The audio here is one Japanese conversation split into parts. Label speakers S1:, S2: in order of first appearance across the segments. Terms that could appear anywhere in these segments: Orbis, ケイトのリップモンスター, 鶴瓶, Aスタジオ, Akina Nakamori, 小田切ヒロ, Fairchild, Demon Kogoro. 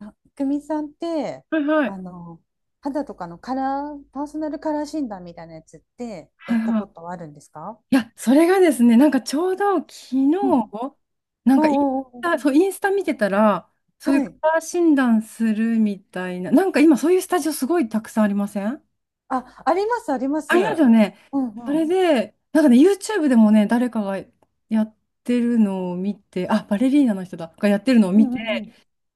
S1: あ、くみさんって、
S2: はいは
S1: あ
S2: い。
S1: の、肌とかのカラー、パーソナルカラー診断みたいなやつって
S2: は
S1: や
S2: い
S1: った
S2: は
S1: こ
S2: い。
S1: とはあるんですか？
S2: いや、それがですね、なんかちょうど昨
S1: うんうん
S2: 日、なん
S1: お
S2: かインス
S1: うおうお
S2: タ、そう、インスタ見てたら、
S1: う
S2: そういう
S1: は
S2: カ
S1: い。
S2: ラー診断するみたいな、なんか今そういうスタジオすごいたくさんありません？
S1: あ、あります、ありま
S2: あ
S1: す。
S2: りますよね。
S1: うん
S2: そ
S1: う
S2: れ
S1: ん。
S2: で、なんかね、YouTube でもね、誰かがやってるのを見て、あ、バレリーナの人だ、がやってるのを
S1: う
S2: 見
S1: ん
S2: て、
S1: うん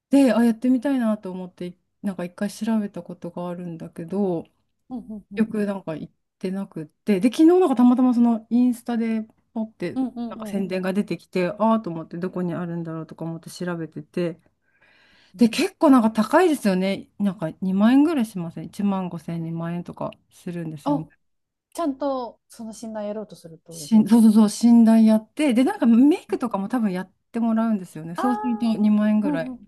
S2: で、あ、やってみたいなと思って、なんか一回調べたことがあるんだけど、
S1: うんうんう
S2: 結
S1: ん
S2: 局なんか行ってなくって、で、昨日なんかたまたまそのインスタでポって、
S1: うんう
S2: なん
S1: ん
S2: か
S1: うん
S2: 宣伝が出てきて、ああーと思ってどこにあるんだろうとか思って調べてて、
S1: う
S2: で、
S1: ん。
S2: 結構なんか高いですよね。なんか2万円ぐらいしません？1万5千、2万円とかするんですよね。
S1: あ、ちゃんとその診断やろうとするってことですか？
S2: そうそうそう、診断やって、で、なんかメイ
S1: うん
S2: クとかも多分やってもらうんですよね。
S1: あ
S2: そうすると2万円
S1: ー
S2: ぐ
S1: う
S2: らいに
S1: んうん。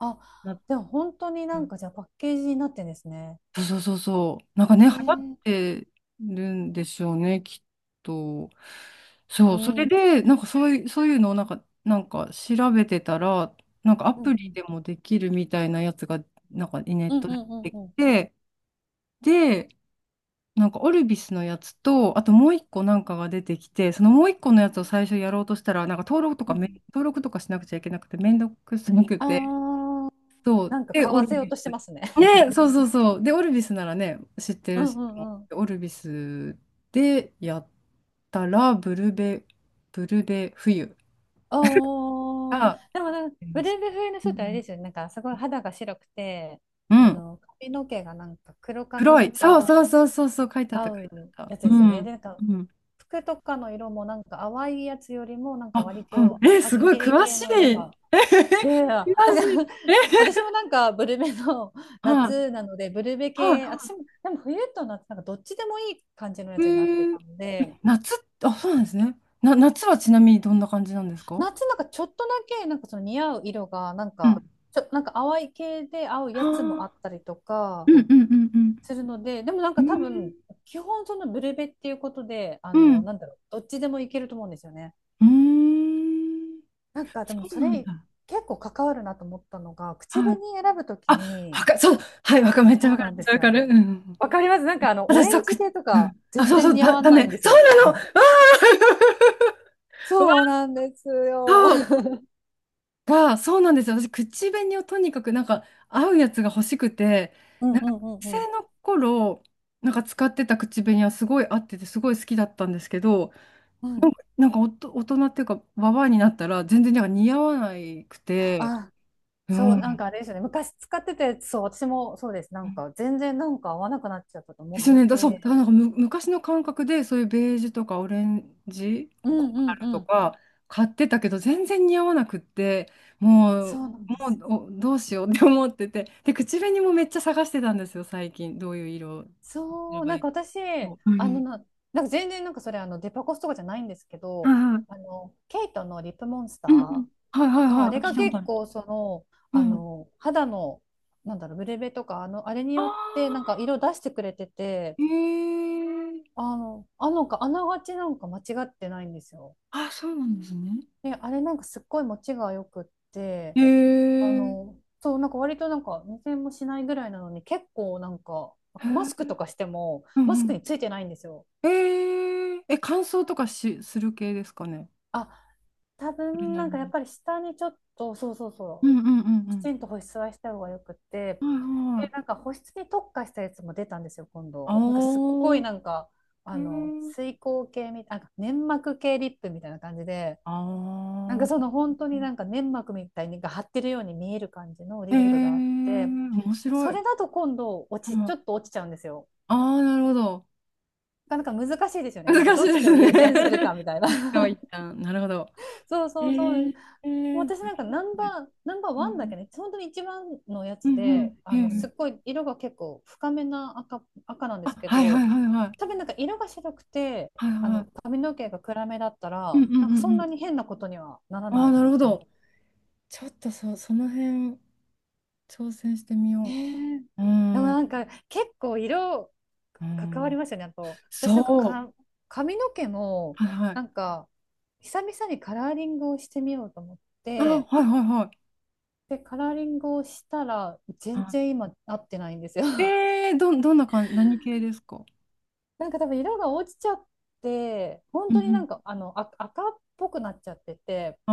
S1: あ、
S2: なっ
S1: でも本当に
S2: ち
S1: な
S2: ゃ
S1: ん
S2: う。
S1: かじゃあパッケージになってんですね。
S2: そうそうそうそう。なんか
S1: え
S2: ね、流行っ
S1: ー、
S2: てるんでしょうね、きっと。そ
S1: う
S2: う、そ
S1: んう
S2: れ
S1: ん
S2: で、なんかそういうのをなんか調べてたら、なんかア
S1: う
S2: プリ
S1: ん
S2: でもできるみたいなやつが、なんかネ
S1: う
S2: ッ
S1: ん
S2: ト
S1: う
S2: で
S1: んうん
S2: 出てき
S1: うん
S2: て、で、なんかオルビスのやつと、あともう一個なんかが出てきて、そのもう一個のやつを最初やろうとしたら、なんか
S1: うん。
S2: 登録とかしなくちゃいけなくて、めんどくさくて、
S1: あ
S2: そう。
S1: なんか
S2: で、
S1: 買
S2: オ
S1: わ
S2: ル
S1: せよう
S2: ビ
S1: として
S2: ス。
S1: ますね。
S2: ね、そうそうそう。で、オルビスならね、知って
S1: う
S2: る
S1: ん
S2: し、
S1: うんうん。
S2: オルビスでやったら、ブルベ冬
S1: おー、
S2: が
S1: でもなんか
S2: 出
S1: ブ
S2: まし
S1: レイブ
S2: た。
S1: 冬の
S2: う
S1: 人ってあれ
S2: ん
S1: ですよね。なんかすごい肌が白くて、
S2: うん。
S1: 髪の毛がなんか黒髪
S2: 黒
S1: と
S2: い。そう
S1: か
S2: そうそうそう、そう書いてあっ
S1: 合
S2: た、書い
S1: う
S2: てあった。
S1: やつ
S2: う
S1: ですよね。
S2: ん。
S1: で、なんか
S2: うん。
S1: 服とかの色もなんか淡いやつよりもなんか
S2: あ、
S1: 割と
S2: うん。え、
S1: はっ
S2: すごい、
S1: きり
S2: 詳
S1: 系
S2: しい。
S1: の色
S2: え、
S1: が。いやいや、
S2: 詳
S1: だから
S2: しい。え、
S1: 私もなんかブルベの
S2: はい、
S1: 夏なので、ブルベ系、私
S2: は
S1: もでも冬と夏なんかどっちでもいい感じのや
S2: い。え
S1: つになって
S2: ー、
S1: たので、
S2: 夏、あ、そうなんですね。夏はちなみにどんな感じなんですか？
S1: 夏なんかちょっとだけなんかその似合う色がなん
S2: う
S1: か
S2: ん。
S1: なんか淡い系で合う
S2: あ
S1: やつも
S2: ー、
S1: あったりと
S2: う
S1: か
S2: んうんうん
S1: するのででもなん
S2: うん。う
S1: か多分
S2: ん。
S1: 基本そのブルベっていうことで
S2: うん。
S1: なんだろう、どっちでもいけると思うんですよね。
S2: うーん、
S1: なんかで
S2: そ
S1: も
S2: う
S1: そ
S2: なん
S1: れ
S2: だ。
S1: 結構関わるなと思ったのが口
S2: はい。
S1: 紅選ぶとき
S2: あ、
S1: に。
S2: そう、はい、めっちゃ
S1: そ
S2: わ
S1: う
S2: か
S1: な
S2: る。
S1: ん
S2: めっ
S1: で
S2: ちゃわ
S1: す
S2: か
S1: よ。
S2: る。うん。
S1: わかります。なんかオ
S2: 私、
S1: レ
S2: そ
S1: ン
S2: う、
S1: ジ系と
S2: う
S1: か
S2: ん。あ、
S1: 全
S2: そうそ
S1: 然
S2: う、
S1: 似合わ
S2: ダ
S1: な
S2: メ。
S1: いんです
S2: そう
S1: よ。
S2: なの。わー
S1: そう なんですよ。
S2: わー、そう、わー、そうなんですよ。私、口紅をとにかく、なんか、合うやつが欲しくて、
S1: うんう
S2: なんか、
S1: んう
S2: 学
S1: んうん
S2: 生の頃、なんか使ってた口紅はすごい合ってて、すごい好きだったんですけど、
S1: うん。
S2: なんか大人っていうか、ババアになったら、全然なんか似合わなくて、
S1: あ、
S2: う
S1: そう、なん
S2: ん。
S1: かあれですよね。昔使ってて、そう、私もそうです。なんか全然なんか合わなくなっちゃったと思
S2: で
S1: っ
S2: すよね。そう、だから
S1: て。
S2: なんか昔の感覚で、そういうベージュとかオレンジ、
S1: う
S2: コー
S1: ん
S2: ラ
S1: うん
S2: ル
S1: う
S2: と
S1: ん。
S2: か買ってたけど、全然似合わなくって、も
S1: そ
S2: う、
S1: うなんで
S2: も
S1: す。
S2: うおどうしようって思ってて、で、口紅もめっちゃ探してたんですよ、最近。どういう色をすれ
S1: そう、
S2: ば
S1: な
S2: い
S1: んか
S2: い
S1: 私、
S2: の？う
S1: あの
S2: ん。
S1: な、なんか全然なんかそれデパコスとかじゃないんですけ
S2: は
S1: ど、
S2: いはい。
S1: ケイトのリップモンスタ
S2: うんうん。
S1: ー
S2: はいはい
S1: が、あ
S2: はい。
S1: れ
S2: 聞い
S1: が
S2: たことあ
S1: 結
S2: る。
S1: 構その、
S2: うん。
S1: 肌の、なんだろう、ブレベとか、あれに
S2: あ
S1: よってなんか
S2: あ、
S1: 色出してくれてて、
S2: へえ。
S1: あの、あのか、あながちなんか間違ってないんですよ。
S2: あ、そうなんですね。
S1: で、あれなんかすっごい持ちが良くって、
S2: へえ。
S1: あ
S2: へー、
S1: の、そう、なんか割となんか20もしないぐらいなのに、結構なんか、マスクとかしても、
S2: う
S1: マス
S2: んう
S1: ク
S2: ん、
S1: についてないんですよ。
S2: えー、え、乾燥とかする系ですかね？
S1: あ、多
S2: それ
S1: 分
S2: な
S1: な
S2: り
S1: んかやっ
S2: に。
S1: ぱり下にちょっと、そうそう
S2: う
S1: そう、
S2: んうんう
S1: き
S2: ん
S1: ちんと保湿はした方がよくて、
S2: うん。はい
S1: で、
S2: は
S1: な
S2: い。
S1: んか保湿に特化したやつも出たんですよ、今
S2: あ
S1: 度。なんかすっごい
S2: ー、
S1: なんか、
S2: えー、
S1: 水光系なんか粘膜系リップみたいな感じで、なんかそ
S2: あ
S1: の本当になんか粘膜みたいにが張ってるように見える感じの
S2: ー、
S1: リ
S2: えー、
S1: ップがあって、
S2: 面白
S1: そ
S2: い。
S1: れだと今度
S2: うん、
S1: ち
S2: あ
S1: ょっと落ちちゃうんですよ。
S2: あー、なるほど。
S1: なかなか難しいですよね。なんか
S2: 難し
S1: ど
S2: い
S1: っ
S2: で
S1: ちを
S2: すね。
S1: 優先するか みたいな。
S2: 一旦 一旦。なるほど。
S1: そう
S2: え
S1: そうそう。
S2: ー、え
S1: もう
S2: ー、
S1: 私なんかナンバー
S2: う
S1: ワンだ
S2: ん
S1: けね、本当に一番のや
S2: う
S1: つ
S2: んう
S1: で、
S2: ん。へー、
S1: すっごい色が結構深めな赤なんで
S2: あ、
S1: すけ
S2: はいは
S1: ど、
S2: いはいはい。
S1: 多分なんか色が白くて、
S2: はいは
S1: 髪の毛が暗めだった
S2: い。うん
S1: ら、
S2: うん
S1: なんか
S2: う
S1: そん
S2: んう
S1: な
S2: ん。
S1: に変なことにはなら
S2: あ
S1: な
S2: あ、
S1: い
S2: なるほ
S1: と思っ。
S2: ど。ちょっとその辺、挑戦してみ
S1: え
S2: よ
S1: ー
S2: う。う
S1: でも
S2: ん、
S1: なんか結構色
S2: う
S1: 関わり
S2: ん、
S1: ましたね。あと、私なんか、
S2: そう。
S1: 髪の毛も
S2: はいはい。
S1: なんか久々にカラーリングをしてみようと思っ
S2: あ、は
S1: て、
S2: いはいはい。
S1: で、カラーリングをしたら全
S2: あ、
S1: 然今合ってないんですよ。
S2: えー、どんな感じ、何系ですか？
S1: なんか多分色が落ちちゃって、本
S2: う
S1: 当にな
S2: ん
S1: んか赤っぽくなっちゃってて、
S2: う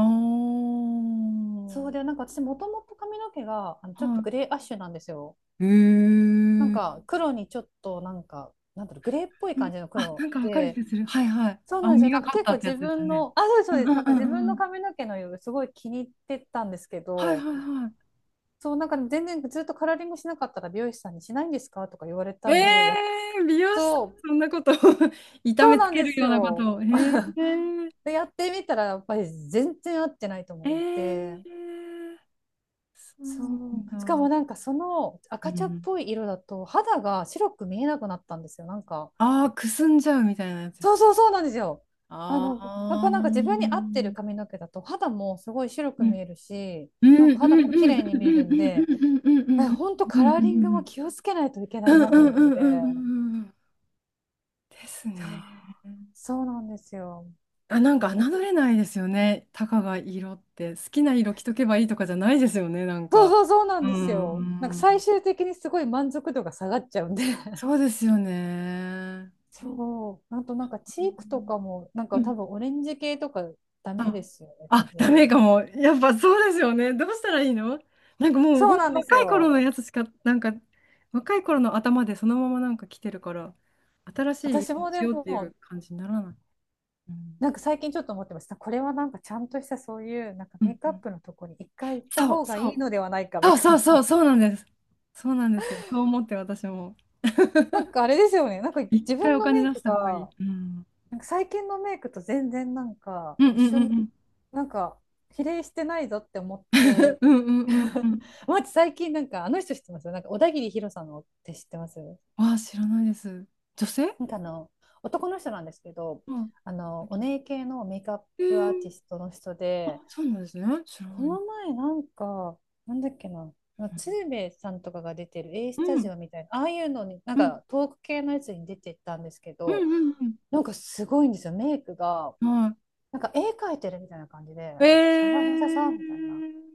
S1: そ
S2: ん。
S1: う
S2: あ
S1: で、なんか私もともと髪の毛が
S2: あ、
S1: ちょっと
S2: は
S1: グレーアッシュなんですよ。
S2: い。え
S1: なん
S2: ー。
S1: か黒にちょっとなんか、なんだろう、グレーっぽい
S2: うん、
S1: 感じの
S2: あ、な
S1: 黒
S2: んかわかる
S1: で、
S2: 気がする。はいはい。
S1: そうな
S2: 青
S1: んです
S2: み
S1: よ。
S2: が
S1: なんか
S2: かっ
S1: 結
S2: た
S1: 構
S2: ってや
S1: 自
S2: つですよ
S1: 分
S2: ね。
S1: の、あ、そうです、そ
S2: う
S1: う
S2: ん
S1: で
S2: う
S1: す。
S2: ん
S1: なん
S2: う
S1: か自分
S2: んう
S1: の
S2: ん。
S1: 髪の毛の色すごい気に入ってたんですけ
S2: はい
S1: ど、
S2: はいは
S1: そう、なんか全然ずっとカラーリングしなかったら美容師さんにしないんですかとか言われ
S2: い。
S1: たん
S2: え
S1: で、やっ
S2: ー、美容師さ
S1: と、
S2: ん、そんなこと 痛
S1: そう
S2: めつ
S1: なん
S2: け
S1: で
S2: る
S1: す
S2: ようなこ
S1: よ。
S2: とを。え ー、
S1: で、やってみたらやっぱり全然合ってないと思
S2: え
S1: って、
S2: ー、そ
S1: そ
S2: う
S1: う。しか
S2: なん
S1: も
S2: だ。
S1: なんかその
S2: う
S1: 赤
S2: んう
S1: 茶っ
S2: ん、
S1: ぽい色だと肌が白く見えなくなったんですよ。なんか。
S2: ああ、くすんじゃうみたいなやつで
S1: そ
S2: す
S1: う
S2: か？
S1: そうそうなんですよ。
S2: あ
S1: やっ
S2: あ
S1: ぱなんか自分に合ってる
S2: ー。
S1: 髪の毛だと肌もすごい白
S2: う
S1: く
S2: ん
S1: 見えるし、
S2: う
S1: な
S2: ん
S1: ん
S2: う
S1: か肌も
S2: んう
S1: 綺
S2: んうん
S1: 麗に見え
S2: う
S1: る
S2: ん
S1: ん
S2: うん
S1: で、
S2: うんうんう
S1: え、
S2: ん
S1: ほんと
S2: う
S1: カ
S2: ん
S1: ラーリング
S2: う
S1: も
S2: ん
S1: 気をつけないといけ
S2: う
S1: ない
S2: んう
S1: なと
S2: んう
S1: 思
S2: ん
S1: っ
S2: うんう
S1: て。
S2: ん
S1: い
S2: うんうんうんんです
S1: や
S2: ね。
S1: ー、そうなんですよ。
S2: あ、なん
S1: だ
S2: か
S1: お
S2: 侮れないですよね。たかが色って。好きな色着とけばいいとかじゃないですよね、なん
S1: そう
S2: か。
S1: そうそうな
S2: う
S1: んですよ。なんか最
S2: ん。
S1: 終的にすごい満足度が下がっちゃうんで。
S2: そうですよね。
S1: そう。あとなんかチークとかも、なん
S2: う
S1: か多
S2: ん、
S1: 分オレンジ系とかダメ
S2: あ、
S1: ですよね、多
S2: あ、ダ
S1: 分。
S2: メかも。やっぱそうですよね。どうしたらいいの？なんかもう
S1: そう
S2: 本
S1: なん
S2: 当
S1: です
S2: 若い頃
S1: よ。
S2: のやつしか、なんか若い頃の頭でそのままなんか来てるから、新しい
S1: 私
S2: 色に
S1: もで
S2: しようってい
S1: も
S2: う感じにならない。うん、
S1: なんか最近ちょっと思ってました。これはなんかちゃんとしたそういうなんか
S2: う
S1: メ
S2: ん
S1: イク
S2: う
S1: アッ
S2: ん。
S1: プのとこに一回行った
S2: そう
S1: 方が
S2: そ
S1: いい
S2: う。
S1: のではないかみ
S2: そう
S1: た
S2: そ
S1: い
S2: うそう、
S1: な。
S2: そうなんです。そうなんですよ。そう思って私も。
S1: なんかあれですよね。なんか
S2: 一
S1: 自
S2: 回
S1: 分
S2: お
S1: の
S2: 金
S1: メイ
S2: 出
S1: ク
S2: した方がいい。
S1: が、
S2: うん。
S1: なんか最近のメイクと全然なんか
S2: うんう
S1: 一
S2: ん
S1: 緒
S2: う
S1: に
S2: んうん。
S1: なんか比例してないぞって思っ て。
S2: うんうんうんうん。
S1: まず最近なんかあの人知ってます？なんか小田切ヒロさんのって知ってます？
S2: ああ、知らないです。女性。
S1: なんかあの男の人なんですけど、
S2: うん。
S1: あのお姉系のメイクアッ
S2: え
S1: プアーティ
S2: ー、
S1: ストの人で、
S2: あ、そうなんですね。知ら
S1: こ
S2: ない。
S1: の前なんか、なんだっけな、
S2: う
S1: 鶴瓶さんとかが出てる A
S2: ん、
S1: ス
S2: う
S1: タジ
S2: ん、
S1: オみたいな、ああいうのに、なん
S2: うん、
S1: かトーク系のやつに出てったんですけ
S2: う
S1: ど、
S2: ん、
S1: なんかすごいんですよ、メイクが。
S2: うん、は
S1: なんか絵描いてるみたいな感じで、
S2: い。え
S1: シャラシャラシャラみたいな。
S2: ー、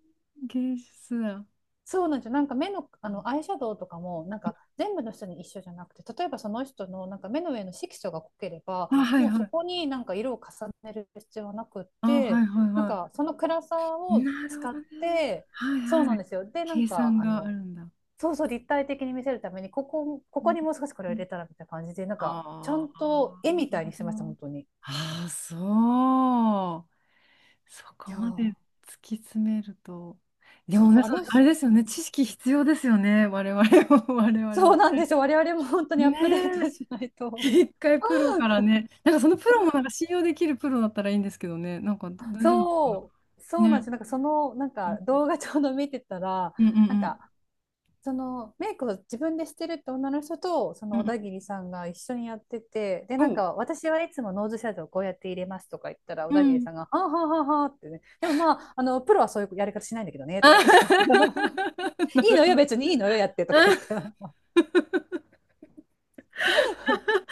S2: 芸術だ。
S1: そうなんですよ。なんか目の、アイシャドウとかも、なんか全部の人に一緒じゃなくて、例えばその人のなんか目の上の色素が濃ければ、
S2: あ、はい
S1: もうそ
S2: はい。
S1: こになんか色を重ねる必要はなくっ
S2: あ、は
S1: て、
S2: いはい
S1: なん
S2: は
S1: かその暗さ
S2: い。
S1: を
S2: なるほ
S1: 使
S2: ど
S1: っ
S2: ね。
S1: て、
S2: はい
S1: そう
S2: は
S1: な
S2: い。
S1: んですよ。で、なん
S2: 計
S1: か
S2: 算があるんだ。
S1: そうそう立体的に見せるために、ここ、こ
S2: う
S1: こ
S2: ん
S1: にもう少しこれ
S2: う
S1: を入
S2: ん、
S1: れたらみたいな感じで、なんかちゃ
S2: あ
S1: んと絵
S2: ー、
S1: みたいにしてました、本当に。い
S2: あー、そう。そこ
S1: や
S2: まで
S1: ー、
S2: 突き詰めると。でも
S1: そう、
S2: ね、
S1: あ
S2: それ
S1: の
S2: あ
S1: 人、
S2: れですよね。知識必要ですよね。我々も、我々
S1: そう
S2: も。
S1: なんですよ。我々も本当にアッ
S2: ね
S1: プデート
S2: え。
S1: しない と。
S2: 一回プロからね、なんかそのプロもなんか信用できるプロだったらいいんですけどね、なんか大丈夫かな。
S1: そう、そうなんです
S2: ね。
S1: よ。なんかその、なん
S2: う
S1: か
S2: ん
S1: 動画ちょうど見てたら、
S2: うんうん
S1: なん
S2: うん。
S1: かそのメイクを自分でしてるって女の人と、そ
S2: う
S1: の
S2: んう
S1: 小田
S2: ん。
S1: 切さんが一緒にやってて、で、
S2: お
S1: なん
S2: う。
S1: か私はいつもノーズシャドウこうやって入れますとか言ったら、小
S2: う
S1: 田切
S2: ん。
S1: さんが、はあはあはあはあってね、でもまあ、プロはそういうやり方しないんだけどね、とか
S2: あ
S1: 言って、
S2: な
S1: いい
S2: る
S1: の
S2: ほ
S1: よ、
S2: ど。
S1: 別にいいのよ、やってとか
S2: あ
S1: 言って、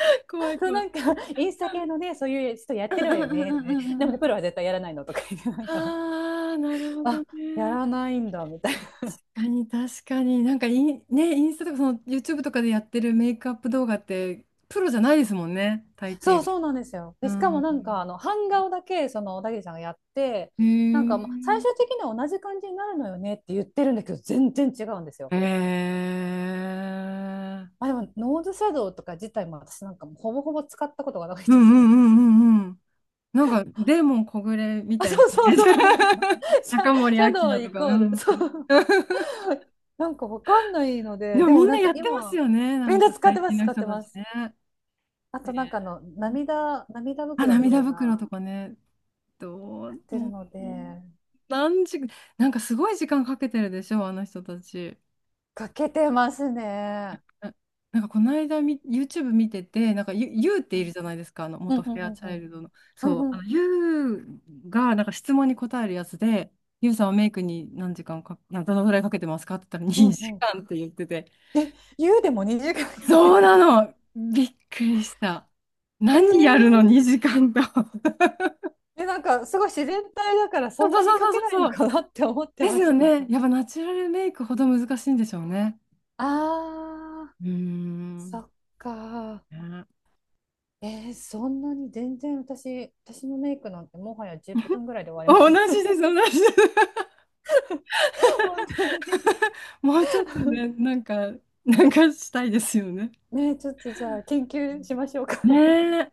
S2: 怖い
S1: そう
S2: 怖
S1: なんか、
S2: い。
S1: インスタ系のね、そういう人やっ
S2: うん
S1: てる
S2: う
S1: わ
S2: ん
S1: よ
S2: うんう
S1: ね、
S2: んう
S1: でも
S2: んう
S1: ね、
S2: ん。
S1: プロは絶対やらないのとか言って、なんか、
S2: ああ、なる ほど
S1: あ、や
S2: ね。
S1: らないんだ、みたいな。
S2: 確かに確かに。なんかね、インスタとかその YouTube とかでやってるメイクアップ動画ってプロじゃないですもんね、大抵
S1: そう
S2: が。
S1: そうなんですよ。で、
S2: う
S1: しかも
S2: ん。
S1: なんかあの版画をだけその小田切さんがやって、
S2: へ
S1: なんかもう最
S2: え。
S1: 終的には同じ感じになるのよねって言ってるんだけど全然違うんですよ。
S2: へえ。
S1: まあ、でもノーズシャドウとか自体も私なんかもうほぼほぼ使ったことがないの
S2: うん
S1: で。
S2: うんうんうんうん。なんか、デーモン小暮 み
S1: あ、
S2: た
S1: そ
S2: いな
S1: う
S2: イ
S1: そう
S2: メージ。
S1: そうなんですよ。シャ、
S2: 中森
S1: シ
S2: 明
S1: ャドウ
S2: 菜と
S1: イ
S2: か。う
S1: コール
S2: ん。
S1: そう。 なんかわかんないの
S2: で
S1: で
S2: も
S1: で
S2: み
S1: も
S2: ん
S1: な
S2: な
S1: ん
S2: や
S1: か
S2: ってます
S1: 今
S2: よね。な
S1: みん
S2: ん
S1: な
S2: か
S1: 使っ
S2: 最
S1: てま
S2: 近
S1: す
S2: の
S1: 使っ
S2: 人
S1: て
S2: た
S1: ま
S2: ち
S1: す。
S2: ね。
S1: あ
S2: え
S1: となんか
S2: ー、
S1: 涙
S2: あ、
S1: 袋みた
S2: 涙
S1: い
S2: 袋
S1: な
S2: とかね。
S1: やってる
S2: も
S1: ので
S2: うもう、何時、なんかすごい時間かけてるでしょ、あの人たち。
S1: かけてますね。
S2: ななんかこの間YouTube 見てて、なんかユーって
S1: う
S2: いる
S1: ん
S2: じゃないですか、あの
S1: うん
S2: 元フ
S1: うん
S2: ェ
S1: う
S2: ア
S1: ん
S2: チ
S1: う
S2: ャイ
S1: ん
S2: ルドの。
S1: うん
S2: そう、
S1: う
S2: あの
S1: ん
S2: ユーがなんか質問に答えるやつで、ユーさんはメイクに何時間か、などのぐらいかけてますかって言ったら
S1: うん
S2: 2
S1: うん。
S2: 時間って言ってて、
S1: え、湯でも2時間かけ
S2: そう
S1: て
S2: な
S1: る。
S2: の、びっくりした。
S1: え
S2: 何やる
S1: ー、
S2: の、2時間と。
S1: え、なんかすごい自然体だから
S2: そ
S1: そ
S2: う
S1: ん
S2: そ
S1: なに
S2: うそ
S1: か
S2: うそ
S1: け
S2: う
S1: ない
S2: そ
S1: の
S2: う。
S1: かなって思って
S2: です
S1: まし
S2: よ
S1: た。
S2: ね。やっぱナチュラルメイクほど難しいんでしょうね。
S1: あー、
S2: うーん。ね。
S1: そっか。そんなに全然私のメイクなんてもはや10分ぐらいで終わりま
S2: 同
S1: す。
S2: じです、同じです。
S1: 本当に。
S2: もうちょっとね、なんかしたいですよね。
S1: ねえ、ちょっとじゃあ研究しましょうか。
S2: ねえ。